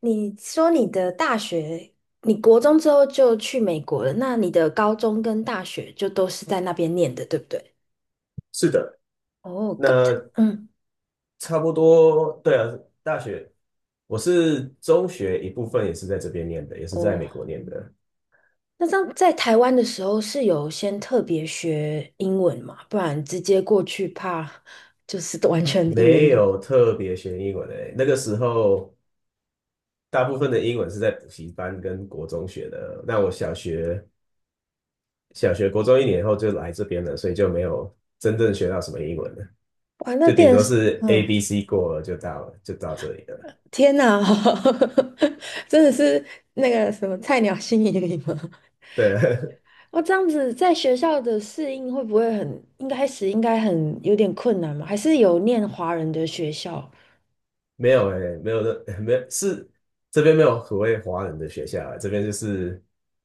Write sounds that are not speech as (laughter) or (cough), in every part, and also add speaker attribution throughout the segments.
Speaker 1: 你说你的大学，你国中之后就去美国了，那你的高中跟大学就都是在那边念的，对不对？
Speaker 2: 是的，
Speaker 1: 哦，
Speaker 2: 那
Speaker 1: 嗯，
Speaker 2: 差不多，对啊，大学，我是中学一部分也是在这边念的，也是在
Speaker 1: 哦，
Speaker 2: 美国念的，
Speaker 1: 那这样在台湾的时候是有先特别学英文嘛？不然直接过去怕就是完全一言
Speaker 2: 没
Speaker 1: 不，
Speaker 2: 有特别学英文诶。那个时候，大部分的英文是在补习班跟国中学的。那我小学、国中一年后就来这边了，所以就没有真正学到什么英文了，
Speaker 1: 哇，那
Speaker 2: 就顶
Speaker 1: 变成
Speaker 2: 多
Speaker 1: 是，
Speaker 2: 是 A、
Speaker 1: 嗯，
Speaker 2: B、C 过了就到了，就到这里了。
Speaker 1: 天哪，(laughs) 真的是那个什么菜鸟新移民吗？
Speaker 2: 对，(laughs)
Speaker 1: 哦，这样子在学校的适应会不会很，应开始应该很有点困难吗？还是有念华人的学校？
Speaker 2: 没有的，(laughs) 没有是这边没有所谓华人的学校啊，这边就是，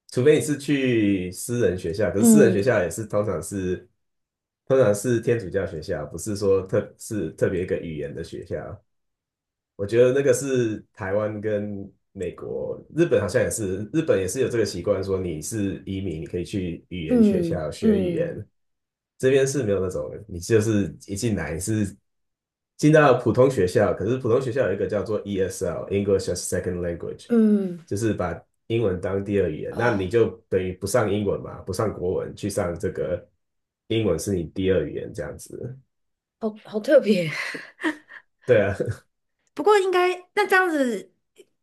Speaker 2: 除非你是去私人学校，可是私人学
Speaker 1: 嗯
Speaker 2: 校也是通常是天主教学校，不是说特别一个语言的学校。我觉得那个是台湾跟美国、日本好像也是，日本也是有这个习惯，说你是移民，你可以去语言学
Speaker 1: 嗯
Speaker 2: 校学语言。
Speaker 1: 嗯
Speaker 2: 这边是没有那种，你就是一进来是进到普通学校，可是普通学校有一个叫做 ESL（English as Second Language）,
Speaker 1: 嗯，
Speaker 2: 就是把英文当第二语言。那你
Speaker 1: 啊、
Speaker 2: 就等于不上英文嘛，不上国文，去上这个英文是你第二语言这样子。
Speaker 1: 好好特别。
Speaker 2: 对啊，(laughs)
Speaker 1: (laughs) 不过应该那这样子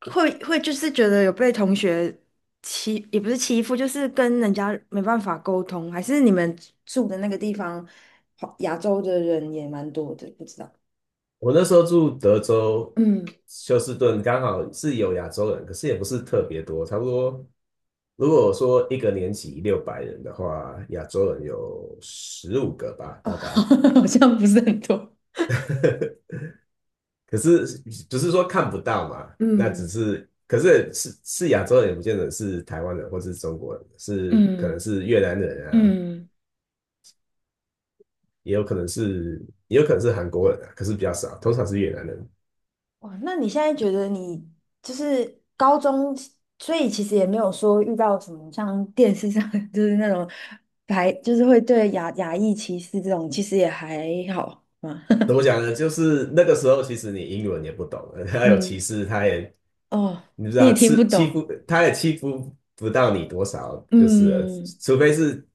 Speaker 1: 会就是觉得有被同学欺，也不是欺负，就是跟人家没办法沟通，还是你们住的那个地方，亚洲的人也蛮多的，不知道。
Speaker 2: 我那时候住德州
Speaker 1: 嗯
Speaker 2: 休斯顿，刚好是有亚洲人，可是也不是特别多，差不多。如果说一个年级600人的话，亚洲人有15个吧，
Speaker 1: 哦，(laughs)
Speaker 2: 大概。
Speaker 1: 好像不是很多。
Speaker 2: (laughs) 可是不是说看不到嘛？那只
Speaker 1: 嗯
Speaker 2: 是，可是是亚洲人，也不见得是台湾人或是中国人，是可能
Speaker 1: 嗯。
Speaker 2: 是越南人啊，
Speaker 1: 嗯，
Speaker 2: 也有可能是也有可能是韩国人啊，可是比较少，通常是越南人。
Speaker 1: 哇，那你现在觉得你就是高中，所以其实也没有说遇到什么像电视上 (laughs) 就是那种就是会对亚裔歧视这种，其实也还好嘛。
Speaker 2: 怎么讲呢？就是那个时候，其实你英文也不懂，(laughs)
Speaker 1: (laughs)
Speaker 2: 他有歧
Speaker 1: 嗯，
Speaker 2: 视，他也
Speaker 1: 哦，
Speaker 2: 你知
Speaker 1: 你也
Speaker 2: 道，
Speaker 1: 听不
Speaker 2: 欺欺
Speaker 1: 懂，
Speaker 2: 负，他也欺负不到你多少，就是了
Speaker 1: 嗯
Speaker 2: 除非是，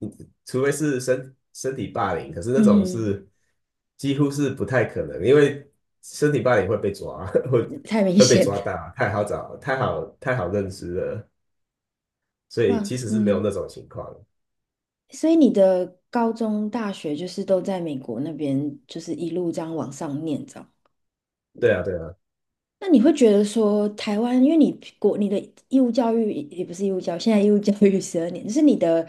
Speaker 2: 嗯除非是身体霸凌，可是那种
Speaker 1: 嗯，
Speaker 2: 是几乎是不太可能，因为身体霸凌会被抓，(laughs) 会
Speaker 1: 太明
Speaker 2: 会被
Speaker 1: 显了，
Speaker 2: 抓到，太好找，太好认识了，所以其
Speaker 1: 哇，
Speaker 2: 实是没有
Speaker 1: 嗯，
Speaker 2: 那种情况。
Speaker 1: 所以你的高中、大学就是都在美国那边，就是一路这样往上念，
Speaker 2: 对啊，对啊。
Speaker 1: 那你会觉得说，台湾，因为你你的义务教育也不是义务教育，现在义务教育12年，就是你的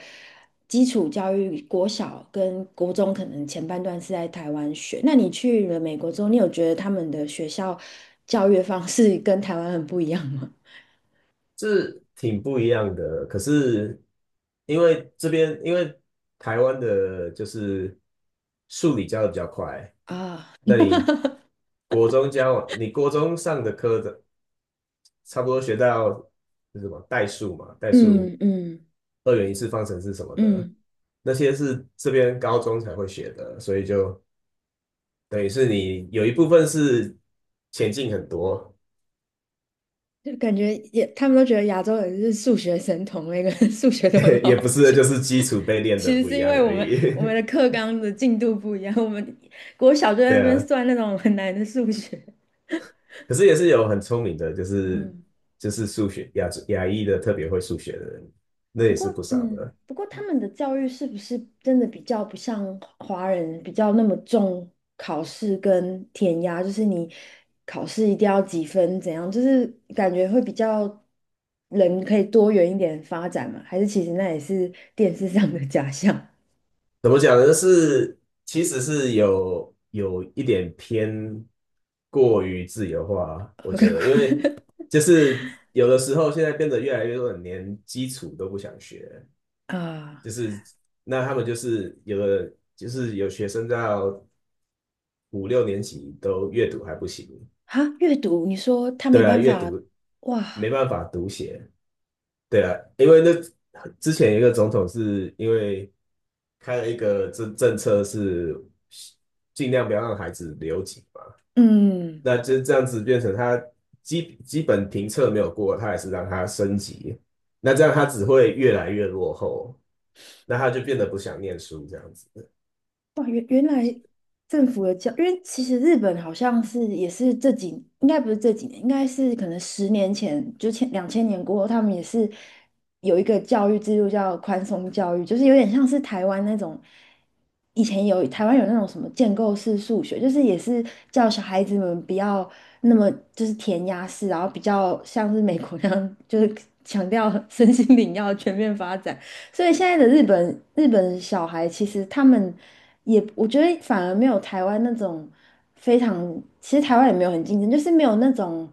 Speaker 1: 基础教育，国小跟国中可能前半段是在台湾学。那你去了美国之后，你有觉得他们的学校教育方式 (laughs) 跟台湾很不一样吗？
Speaker 2: 是挺不一样的。可是因为这边，因为台湾的就是数理教的比较快，
Speaker 1: (laughs) 啊，
Speaker 2: 那你国中教完你国中上的科的差不多学到是什么代数嘛，代数、
Speaker 1: 嗯嗯
Speaker 2: 二元一次方程式什么的，
Speaker 1: 嗯，
Speaker 2: 那些是这边高中才会学的，所以就等于是你有一部分是前进很多，
Speaker 1: 就感觉也他们都觉得亚洲人是数学神童，那个人数学都很
Speaker 2: (laughs) 也不
Speaker 1: 好。
Speaker 2: 是就是基础被练
Speaker 1: 其
Speaker 2: 的
Speaker 1: 实
Speaker 2: 不
Speaker 1: 是
Speaker 2: 一
Speaker 1: 因
Speaker 2: 样
Speaker 1: 为我
Speaker 2: 而
Speaker 1: 们
Speaker 2: 已。
Speaker 1: 我们的
Speaker 2: (laughs)
Speaker 1: 课纲的进度不一样，我们国小就在那
Speaker 2: 对
Speaker 1: 边
Speaker 2: 啊，
Speaker 1: 算那种很难的数学。
Speaker 2: 可是也是有很聪明的，就是
Speaker 1: 嗯，
Speaker 2: 数学亚裔的特别会数学的人，那
Speaker 1: 不
Speaker 2: 也是不
Speaker 1: 过
Speaker 2: 少
Speaker 1: 嗯，
Speaker 2: 的。
Speaker 1: 不过他们的教育是不是真的比较不像华人比较那么重考试跟填鸭？就是你考试一定要几分怎样？就是感觉会比较人可以多元一点发展嘛？还是其实那也是电视上的假象
Speaker 2: 怎么讲呢？是其实是有一点偏过于自由化，我觉得，因
Speaker 1: (laughs)
Speaker 2: 为就是有的时候现在变得越来越多人连基础都不想学，
Speaker 1: 啊？
Speaker 2: 就是那他们就是有的就是有学生到五六年级都阅读还不行，
Speaker 1: 哈，阅读，你说他没
Speaker 2: 对啊，
Speaker 1: 办
Speaker 2: 阅
Speaker 1: 法
Speaker 2: 读没
Speaker 1: 哇？
Speaker 2: 办法读写。对啊，因为那之前一个总统是因为开了一个政策是尽量不要让孩子留级嘛，
Speaker 1: 嗯，
Speaker 2: 那就这样子变成他基本评测没有过，他还是让他升级，那这样他只会越来越落后，那他就变得不想念书这样子，
Speaker 1: 哇，原来政府的教，因为其实日本好像是也是应该不是这几年，应该是可能10年前，就前2000年过后，他们也是有一个教育制度叫宽松教育，就是有点像是台湾那种，以前台湾有那种什么建构式数学，就是也是叫小孩子们不要那么就是填鸭式，然后比较像是美国那样，就是强调 (laughs) 身心灵要全面发展。所以现在的日本小孩，其实他们也，我觉得反而没有台湾那种非常，其实台湾也没有很竞争，就是没有那种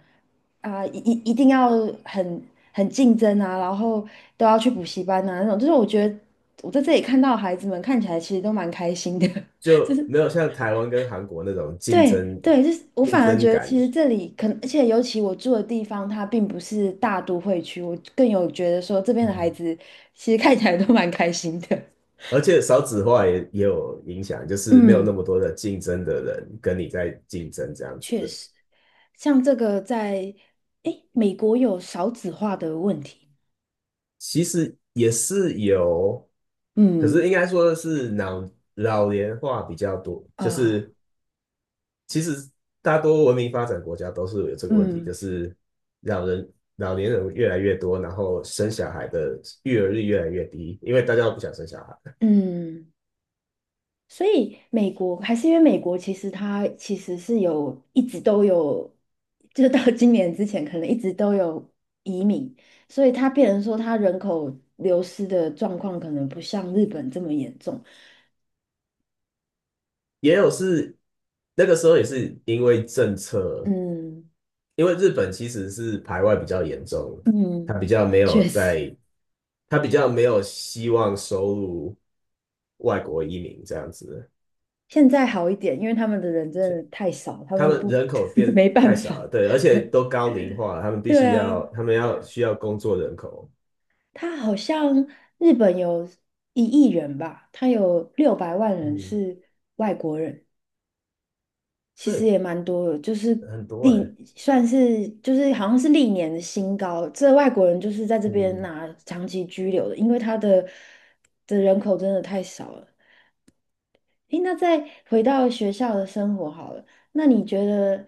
Speaker 1: 啊、一定要很很竞争啊，然后都要去补习班啊那种。就是我觉得我在这里看到孩子们看起来其实都蛮开心的，(laughs) 就
Speaker 2: 就
Speaker 1: 是
Speaker 2: 没有像台湾跟韩国那种竞
Speaker 1: 对
Speaker 2: 争
Speaker 1: 对，就是我
Speaker 2: 竞
Speaker 1: 反而
Speaker 2: 争
Speaker 1: 觉得
Speaker 2: 感。
Speaker 1: 其实这里可能，而且尤其我住的地方，它并不是大都会区，我更有觉得说这边的孩子其实看起来都蛮开心的。
Speaker 2: 而且少子化也有影响，就是没有那
Speaker 1: 嗯，
Speaker 2: 么多的竞争的人跟你在竞争这样子。
Speaker 1: 确实，像这个在，诶，美国有少子化的问题。
Speaker 2: 其实也是有，可是
Speaker 1: 嗯
Speaker 2: 应该说是老年化比较多，就
Speaker 1: 啊，
Speaker 2: 是其实大多文明发展国家都是有这个问题，
Speaker 1: 嗯
Speaker 2: 就是老人老年人越来越多，然后生小孩的育儿率越来越低，因为大家都不想生小孩。
Speaker 1: 嗯，所以美国还是因为美国其实它其实是有一直都有，就是到今年之前可能一直都有移民，所以它变成说它人口流失的状况可能不像日本这么严重。
Speaker 2: 也有是那个时候也是因为政策
Speaker 1: 嗯
Speaker 2: 因为日本其实是排外比较严重，他
Speaker 1: 嗯，
Speaker 2: 比较
Speaker 1: 啊
Speaker 2: 没有
Speaker 1: 确实。
Speaker 2: 在，他比较没有希望收入外国移民这样子，
Speaker 1: 现在好一点，因为他们的人真的太少，他
Speaker 2: 他
Speaker 1: 们
Speaker 2: 们
Speaker 1: 不
Speaker 2: 人口
Speaker 1: (laughs)
Speaker 2: 变
Speaker 1: 没办
Speaker 2: 太少了，
Speaker 1: 法。
Speaker 2: 对，而
Speaker 1: (laughs)
Speaker 2: 且
Speaker 1: 对
Speaker 2: 都高龄化，他们必
Speaker 1: 对
Speaker 2: 须要，
Speaker 1: 啊，
Speaker 2: 他们要需要工作人口，
Speaker 1: 他好像日本有1亿人吧，他有600万人
Speaker 2: 嗯，
Speaker 1: 是外国人，其实
Speaker 2: 这
Speaker 1: 也蛮多的，就是
Speaker 2: 很多
Speaker 1: 历算是就是好像是历年的新高。这外国人就是在这边
Speaker 2: 嗯，
Speaker 1: 拿长期居留的，因为他的人口真的太少了。诶，那再回到学校的生活好了，那你觉得，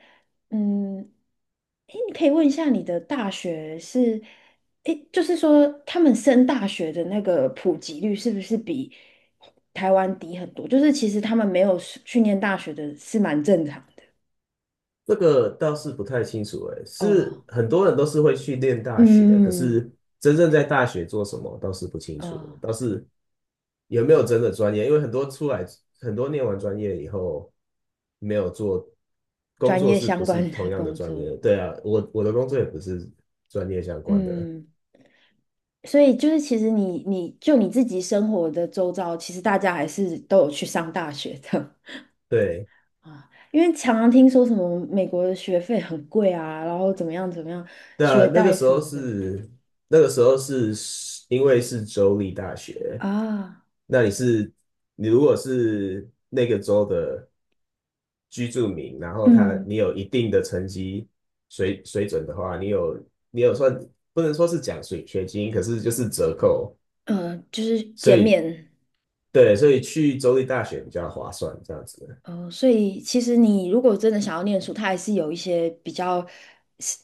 Speaker 1: 嗯，诶，你可以问一下你的大学是，诶，就是说他们升大学的那个普及率是不是比台湾低很多？就是其实他们没有是去念大学的是蛮正常的。
Speaker 2: 这个倒是不太清楚
Speaker 1: 哦，
Speaker 2: 是很多人都是会去念大学，可
Speaker 1: 嗯，
Speaker 2: 是真正在大学做什么倒是不清楚，
Speaker 1: 哦，
Speaker 2: 倒是有没有真的专业？因为很多出来，很多念完专业以后没有做工
Speaker 1: 专
Speaker 2: 作，
Speaker 1: 业
Speaker 2: 是不
Speaker 1: 相
Speaker 2: 是
Speaker 1: 关
Speaker 2: 同
Speaker 1: 的
Speaker 2: 样的
Speaker 1: 工
Speaker 2: 专
Speaker 1: 作，
Speaker 2: 业？对啊，我的工作也不是专业相关的。
Speaker 1: 嗯。所以就是，其实你就你自己生活的周遭，其实大家还是都有去上大学的。
Speaker 2: 对，
Speaker 1: 啊，因为常常听说什么美国的学费很贵啊，然后怎么样怎么样，
Speaker 2: 那
Speaker 1: 学
Speaker 2: 那个
Speaker 1: 贷
Speaker 2: 时
Speaker 1: 什
Speaker 2: 候
Speaker 1: 么的
Speaker 2: 是那个时候是因为是州立大学，
Speaker 1: 啊，
Speaker 2: 那你如果是那个州的居住民，然后他
Speaker 1: 嗯，
Speaker 2: 你有一定的成绩水准的话，你有算不能说是奖学金，可是就是折扣，
Speaker 1: 就是
Speaker 2: 所
Speaker 1: 减
Speaker 2: 以
Speaker 1: 免，
Speaker 2: 对，所以去州立大学比较划算，这样子。
Speaker 1: 嗯，所以其实你如果真的想要念书，它还是有一些比较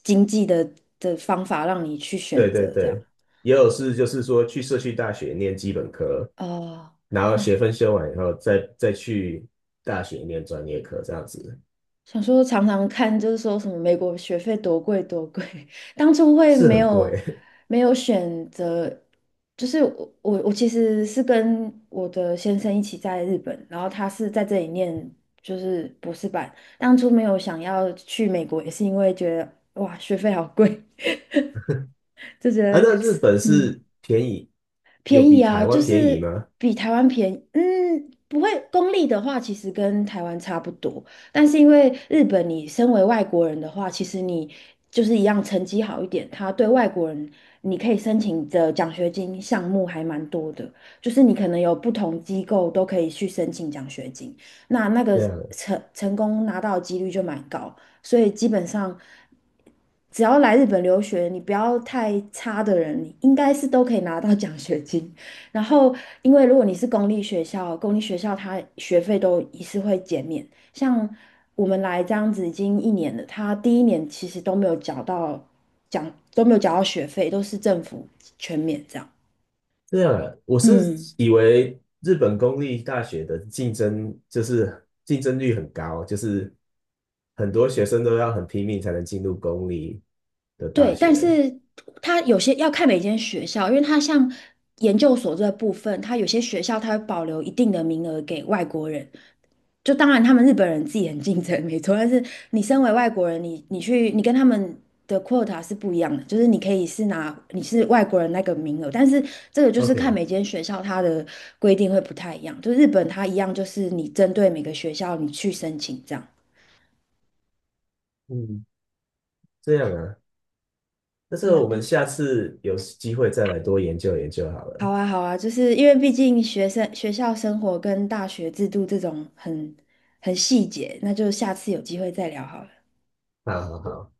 Speaker 1: 经济的方法让你去选
Speaker 2: 对对
Speaker 1: 择这样。
Speaker 2: 对，也有是就是说去社区大学念基本科，
Speaker 1: 哦、
Speaker 2: 然后学分修完以后再去大学念专业课，这样子
Speaker 1: 想说常常看，就是说什么美国学费多贵多贵，(laughs) 当初会
Speaker 2: 是
Speaker 1: 没
Speaker 2: 很
Speaker 1: 有
Speaker 2: 贵
Speaker 1: 没有选择，就是我其实是跟我的先生一起在日本，然后他是在这里念就是博士班，当初没有想要去美国，也是因为觉得哇学费好贵，(laughs) 就觉
Speaker 2: (laughs) 啊。
Speaker 1: 得
Speaker 2: 那日本
Speaker 1: 嗯。
Speaker 2: 是便宜，有
Speaker 1: 便
Speaker 2: 比
Speaker 1: 宜啊，
Speaker 2: 台
Speaker 1: 就
Speaker 2: 湾便宜
Speaker 1: 是
Speaker 2: 吗？
Speaker 1: 比台湾便宜。嗯，不会，公立的话其实跟台湾差不多，但是因为日本，你身为外国人的话，其实你就是一样成绩好一点，他对外国人你可以申请的奖学金项目还蛮多的，就是你可能有不同机构都可以去申请奖学金，那个
Speaker 2: 这样
Speaker 1: 成功拿到的几率就蛮高。所以基本上，只要来日本留学，你不要太差的人，你应该是都可以拿到奖学金。然后，因为如果你是公立学校，公立学校它学费都也是会减免。像我们来这样子已经一年了，他第一年其实都没有缴到都没有缴到学费，都是政府全免这样。
Speaker 2: 这样啊，我是
Speaker 1: 嗯。
Speaker 2: 以为日本公立大学的竞争就是竞争率很高，就是很多学生都要很拼命才能进入公立的大
Speaker 1: 对，但
Speaker 2: 学。
Speaker 1: 是它有些要看每间学校，因为它像研究所这部分，它有些学校它会保留一定的名额给外国人。就当然他们日本人自己很竞争，没错，但是你身为外国人，你跟他们的 quota 是不一样的，就是你可以是拿你是外国人那个名额，但是这个就是看
Speaker 2: OK,
Speaker 1: 每间学校它的规定会不太一样。就日本它一样，就是你针对每个学校你去申请这样。
Speaker 2: 嗯，这样啊。那这
Speaker 1: 慢
Speaker 2: 个我
Speaker 1: 慢
Speaker 2: 们
Speaker 1: 看。
Speaker 2: 下次有机会再来多研究研究好
Speaker 1: 好
Speaker 2: 了。
Speaker 1: 啊，好啊，就是因为毕竟学生学校生活跟大学制度这种很细节，那就下次有机会再聊好了。
Speaker 2: 好好好。